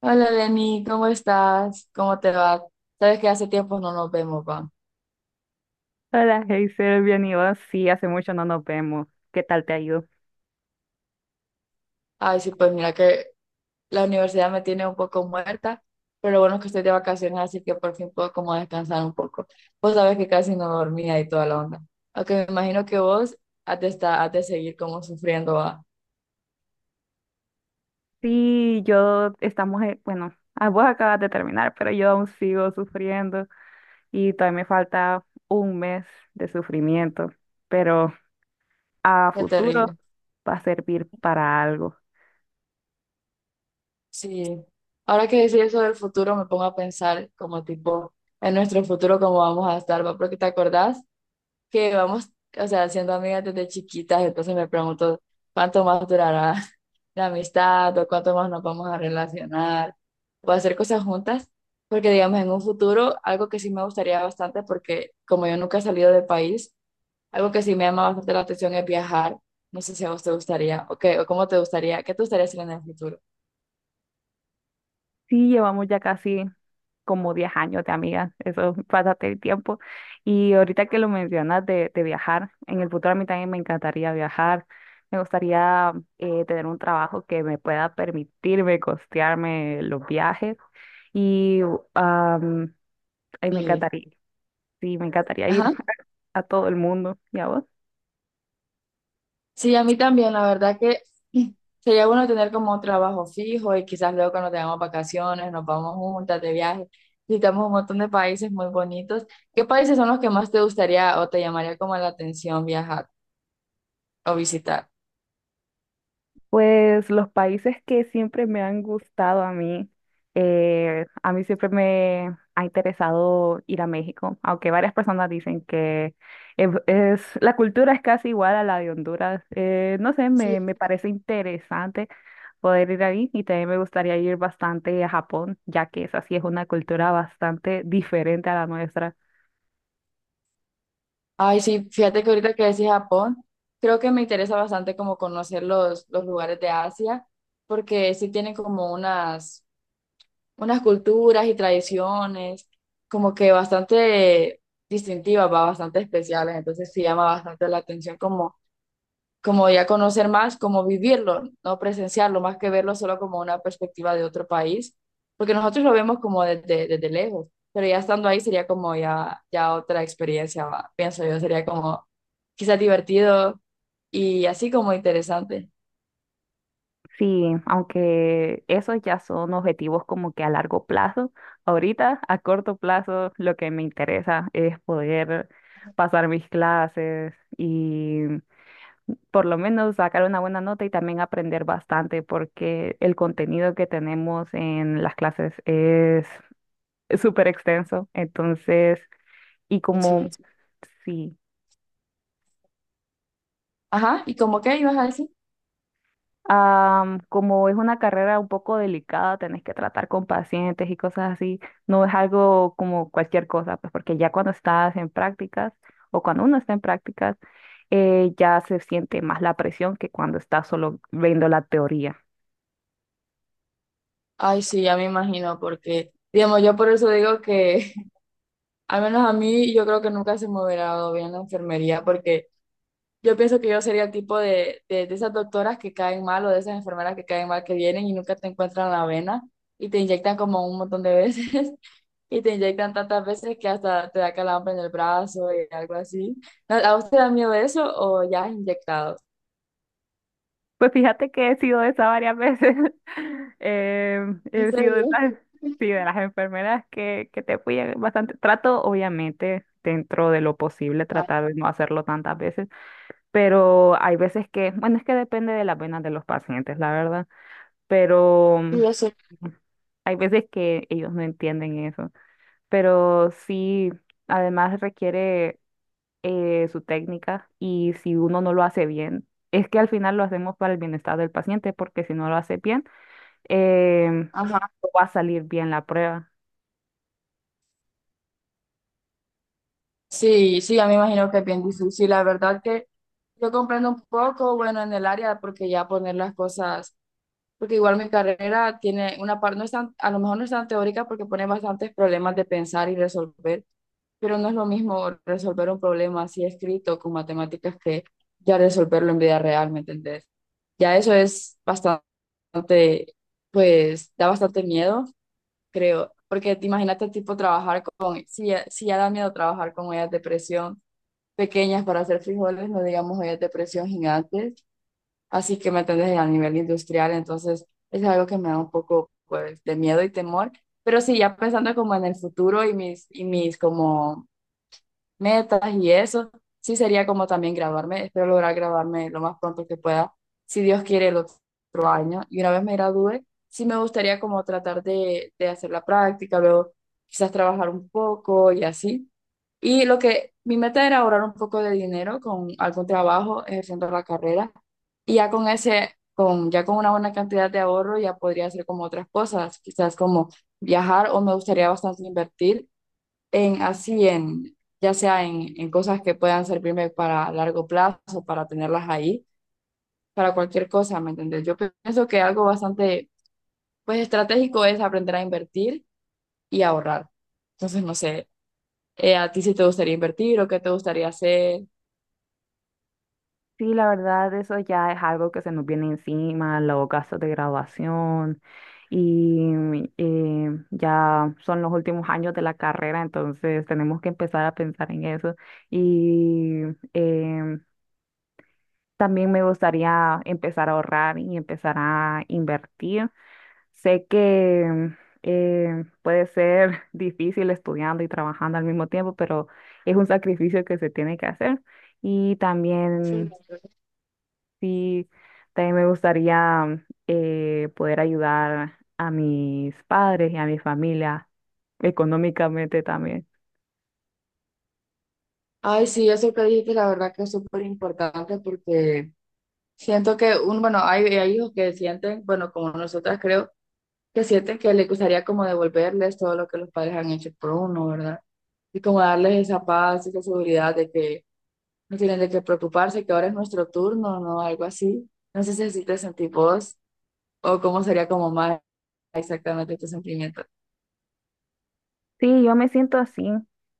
Hola Lenny, ¿cómo estás? ¿Cómo te va? Sabes que hace tiempo no nos vemos, va. Hola, Heiser, bien y vos. Sí, hace mucho no nos vemos. ¿Qué tal te ha ido? Ay, sí, pues mira que la universidad me tiene un poco muerta, pero lo bueno es que estoy de vacaciones, así que por fin puedo como descansar un poco. Vos sabes que casi no dormía y toda la onda. Aunque me imagino que vos has de seguir como sufriendo, va. Sí, yo estamos, bueno, vos acabas de terminar, pero yo aún sigo sufriendo y todavía me falta 1 mes de sufrimiento, pero a Es futuro terrible. va a servir para algo. Sí. Ahora que decís eso del futuro, me pongo a pensar como tipo en nuestro futuro, cómo vamos a estar, va. Porque te acordás que vamos, o sea, siendo amigas desde chiquitas, entonces me pregunto cuánto más durará la amistad o cuánto más nos vamos a relacionar o hacer cosas juntas, porque digamos en un futuro, algo que sí me gustaría bastante, porque como yo nunca he salido del país, algo que sí me llama bastante la atención es viajar. No sé si a vos te gustaría, o qué, o cómo te gustaría, qué te gustaría hacer en el futuro. Sí, llevamos ya casi como 10 años de amigas, eso, pásate el tiempo. Y ahorita que lo mencionas de viajar, en el futuro a mí también me encantaría viajar, me gustaría tener un trabajo que me pueda permitirme costearme los viajes y am, ay, me Y, encantaría, sí, me encantaría ir ajá. a todo el mundo. ¿Y a vos? Sí, a mí también, la verdad que sería bueno tener como un trabajo fijo y quizás luego cuando tengamos vacaciones nos vamos juntas de viaje. Visitamos un montón de países muy bonitos. ¿Qué países son los que más te gustaría o te llamaría como la atención viajar o visitar? Pues los países que siempre me han gustado a mí siempre me ha interesado ir a México, aunque varias personas dicen que la cultura es casi igual a la de Honduras. No sé, Sí. Me parece interesante poder ir ahí y también me gustaría ir bastante a Japón, ya que esa sí es una cultura bastante diferente a la nuestra. Ay, sí, fíjate que ahorita que decís Japón, creo que me interesa bastante como conocer los lugares de Asia, porque sí tienen como unas unas culturas y tradiciones como que bastante distintivas, va, bastante especiales, entonces sí llama bastante la atención como, como ya conocer más, como vivirlo, no presenciarlo, más que verlo solo como una perspectiva de otro país, porque nosotros lo vemos como desde, desde lejos, pero ya estando ahí sería como ya, ya otra experiencia, va, pienso yo, sería como quizás divertido y así como interesante. Sí, aunque esos ya son objetivos como que a largo plazo. Ahorita, a corto plazo, lo que me interesa es poder pasar mis clases y por lo menos sacar una buena nota y también aprender bastante porque el contenido que tenemos en las clases es súper extenso. Entonces, y Pues como, sí. sí. Ajá, ¿y como qué ibas a decir? Como es una carrera un poco delicada, tenés que tratar con pacientes y cosas así. No es algo como cualquier cosa, pues porque ya cuando estás en prácticas o cuando uno está en prácticas, ya se siente más la presión que cuando estás solo viendo la teoría. Ay, sí, ya me imagino, porque, digamos, yo por eso digo que, al menos a mí, yo creo que nunca se me hubiera dado bien la enfermería, porque yo pienso que yo sería el tipo de esas doctoras que caen mal o de esas enfermeras que caen mal, que vienen y nunca te encuentran la vena y te inyectan como un montón de veces y te inyectan tantas veces que hasta te da calambre en el brazo y algo así. ¿A usted da miedo eso o ya has inyectado? Pues fíjate que he sido de esa varias veces. ¿En He sido de serio? esas, sí, de las enfermeras que te fui bastante. Trato, obviamente, dentro de lo posible, Ay, tratar de no hacerlo tantas veces, pero hay veces que, bueno, es que depende de las venas de los pacientes, la verdad, pero sí, yo sé. hay veces que ellos no entienden eso, pero sí, además requiere su técnica y si uno no lo hace bien, es que al final lo hacemos para el bienestar del paciente, porque si no lo hace bien, em, Ajá. no va a salir bien la prueba. Sí, sí, ya me imagino que es bien difícil. La verdad que yo comprendo un poco, bueno, en el área, porque ya poner las cosas, porque igual mi carrera tiene una parte, no es tan, a lo mejor no es tan teórica porque pone bastantes problemas de pensar y resolver, pero no es lo mismo resolver un problema así escrito con matemáticas que ya resolverlo en vida real, ¿me entendés? Ya eso es bastante, pues da bastante miedo, creo, porque te imagínate tipo trabajar con, si ya, si ya da miedo trabajar con ellas depresión pequeñas para hacer frijoles, no digamos ollas de presión gigantes, así que me entendés a nivel industrial, entonces es algo que me da un poco pues de miedo y temor, pero sí, ya pensando como en el futuro y mis como metas y eso, sí sería como también graduarme, espero lograr graduarme lo más pronto que pueda, si Dios quiere el otro año, y una vez me gradúe, sí me gustaría como tratar de hacer la práctica, luego quizás trabajar un poco y así y lo que mi meta era ahorrar un poco de dinero con algún trabajo ejerciendo la carrera. Y ya con ese, con, ya con una buena cantidad de ahorro, ya podría hacer como otras cosas, quizás como viajar o me gustaría bastante invertir en así, en, ya sea en cosas que puedan servirme para largo plazo, para tenerlas ahí, para cualquier cosa, ¿me entendés? Yo pienso que algo bastante, pues estratégico es aprender a invertir y ahorrar. Entonces, no sé, ¿a ti si te gustaría invertir o qué te gustaría hacer? Sí, la verdad, eso ya es algo que se nos viene encima, los gastos de graduación y ya son los últimos años de la carrera, entonces tenemos que empezar a pensar en eso. Y em, también me gustaría empezar a ahorrar y empezar a invertir. Sé que puede ser difícil estudiando y trabajando al mismo tiempo, pero es un sacrificio que se tiene que hacer. Y Sí. también sí, también me gustaría poder ayudar a mis padres y a mi familia económicamente también. Ay, sí, eso que dijiste, la verdad que es súper importante porque siento que, un, bueno, hay hijos que sienten, bueno, como nosotras creo, que sienten que les gustaría como devolverles todo lo que los padres han hecho por uno, ¿verdad? Y como darles esa paz, esa seguridad de que no tienen de qué preocuparse, que ahora es nuestro turno, ¿no? Algo así. No sé si así te sentís vos o cómo sería como más exactamente tu sentimiento. Sí, yo me siento así.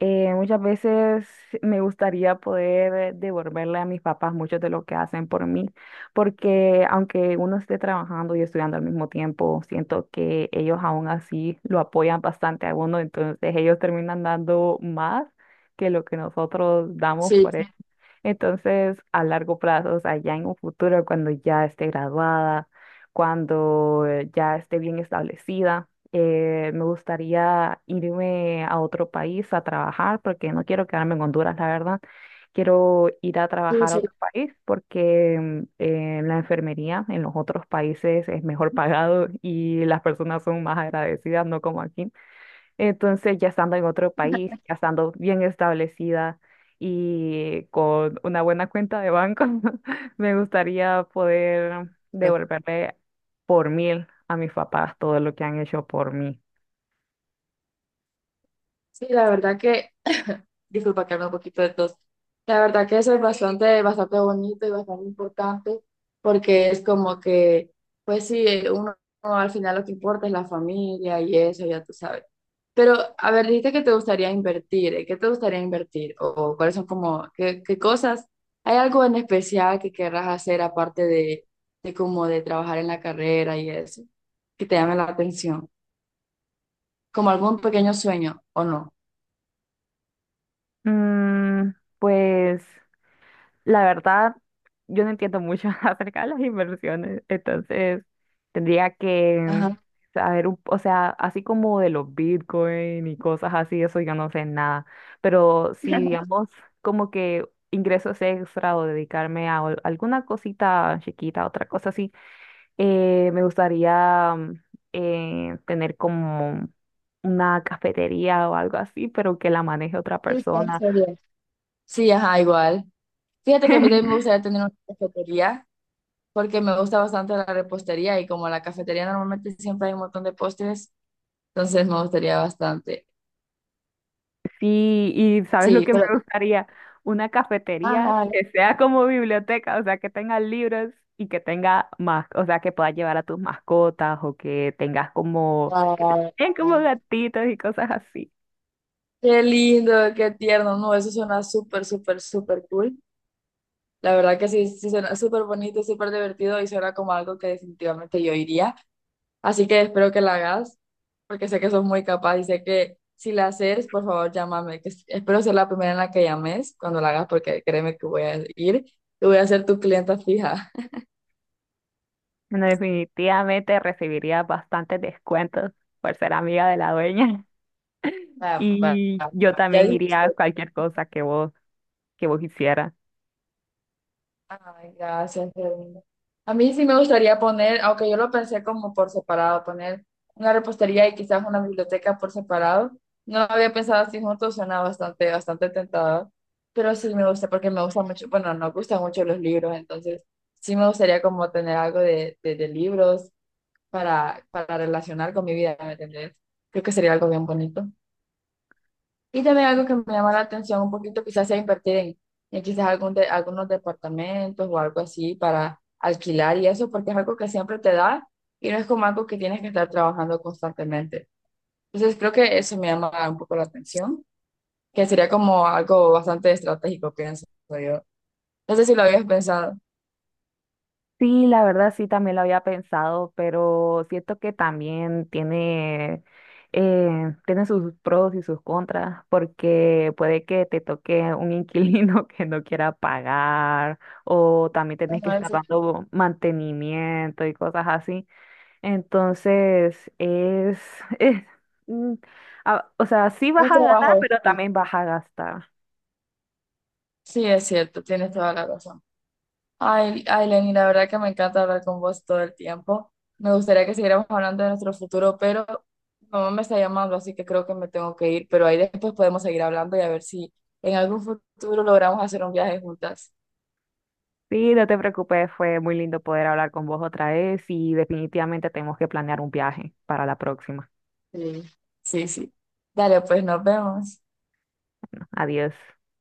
Muchas veces me gustaría poder devolverle a mis papás mucho de lo que hacen por mí, porque aunque uno esté trabajando y estudiando al mismo tiempo, siento que ellos aún así lo apoyan bastante a uno, entonces ellos terminan dando más que lo que nosotros damos Sí, por él. Entonces, a largo plazo, o sea, ya en un futuro, cuando ya esté graduada, cuando ya esté bien establecida, me gustaría irme a otro país a trabajar, porque no quiero quedarme en Honduras, la verdad. Quiero ir a sí, trabajar a sí. otro país porque la enfermería en los otros países es mejor pagado y las personas son más agradecidas, no como aquí. Entonces, ya estando en otro país, ya estando bien establecida y con una buena cuenta de banco, me gustaría poder devolverle por mil a mis papás todo lo que han hecho por mí. Sí, la verdad que disculpa que hable un poquito de todo, la verdad que eso es bastante, bastante bonito y bastante importante porque es como que, pues sí, uno, uno al final lo que importa es la familia y eso, ya tú sabes. Pero, a ver, dijiste que te gustaría invertir, ¿eh? ¿Qué te gustaría invertir? O cuáles son como, qué, qué cosas? ¿Hay algo en especial que querrás hacer aparte de como de trabajar en la carrera y eso? Que te llame la atención. ¿Como algún pequeño sueño o no? Mm, pues la verdad, yo no entiendo mucho acerca de las inversiones, entonces tendría que Ajá. saber, o sea, así como de los Bitcoin y cosas así, eso yo no sé nada, pero si digamos como que ingresos extra o dedicarme a alguna cosita chiquita, otra cosa así, me gustaría tener como una cafetería o algo así, pero que la maneje otra Sí, sí, en persona. serio. Sí, ajá, igual. Fíjate que a mí también me gustaría tener una cafetería porque me gusta bastante la repostería y como en la cafetería normalmente siempre hay un montón de postres, entonces me gustaría bastante. Sí, ¿y sabes lo Sí, que me pero... gustaría? Una cafetería Ajá, que sea como biblioteca, o sea, que tenga libros y que tenga más, o sea, que puedas llevar a tus mascotas o que tengas como, que te ah, tengan como gatitos y cosas así. qué lindo, qué tierno. No, eso suena súper, súper, súper cool. La verdad que sí, sí suena súper bonito, súper divertido y suena como algo que definitivamente yo iría. Así que espero que la hagas, porque sé que sos muy capaz y sé que si la haces, por favor, llámame, que espero ser la primera en la que llames cuando la hagas, porque créeme que voy a ir y voy a ser tu clienta fija. Bueno, definitivamente recibiría bastantes descuentos por ser amiga de la dueña. Va, va, Y va. yo Ya también iría dijiste. a cualquier cosa que que vos hicieras. Ay, gracias, qué lindo. A mí sí me gustaría poner, aunque yo lo pensé como por separado, poner una repostería y quizás una biblioteca por separado. No había pensado así juntos, suena bastante, bastante tentador. Pero sí me gusta porque me gusta mucho, bueno, nos gustan mucho los libros, entonces sí me gustaría como tener algo de libros para relacionar con mi vida, ¿me entendés? Creo que sería algo bien bonito. Y también algo que me llama la atención un poquito quizás sea invertir en quizás algunos departamentos o algo así para alquilar y eso, porque es algo que siempre te da y no es como algo que tienes que estar trabajando constantemente. Entonces creo que eso me llama un poco la atención, que sería como algo bastante estratégico, pienso yo. No sé si lo habías pensado. Sí, la verdad sí también lo había pensado, pero siento que también tiene, tiene sus pros y sus contras, porque puede que te toque un inquilino que no quiera pagar, o también tenés que Bueno, estar ese- dando mantenimiento y cosas así. Entonces, es, mm, o sea, sí vas un a ganar, trabajo. pero Sí, también vas a gastar. sí, es cierto, tienes toda la razón. Ay, ay, Lenny, la verdad que me encanta hablar con vos todo el tiempo. Me gustaría que siguiéramos hablando de nuestro futuro, pero mi mamá me está llamando, así que creo que me tengo que ir. Pero ahí después podemos seguir hablando y a ver si en algún futuro logramos hacer un viaje juntas. Sí, no te preocupes, fue muy lindo poder hablar con vos otra vez y definitivamente tenemos que planear un viaje para la próxima. Sí. Sí, sí. Dale, pues nos vemos. Adiós.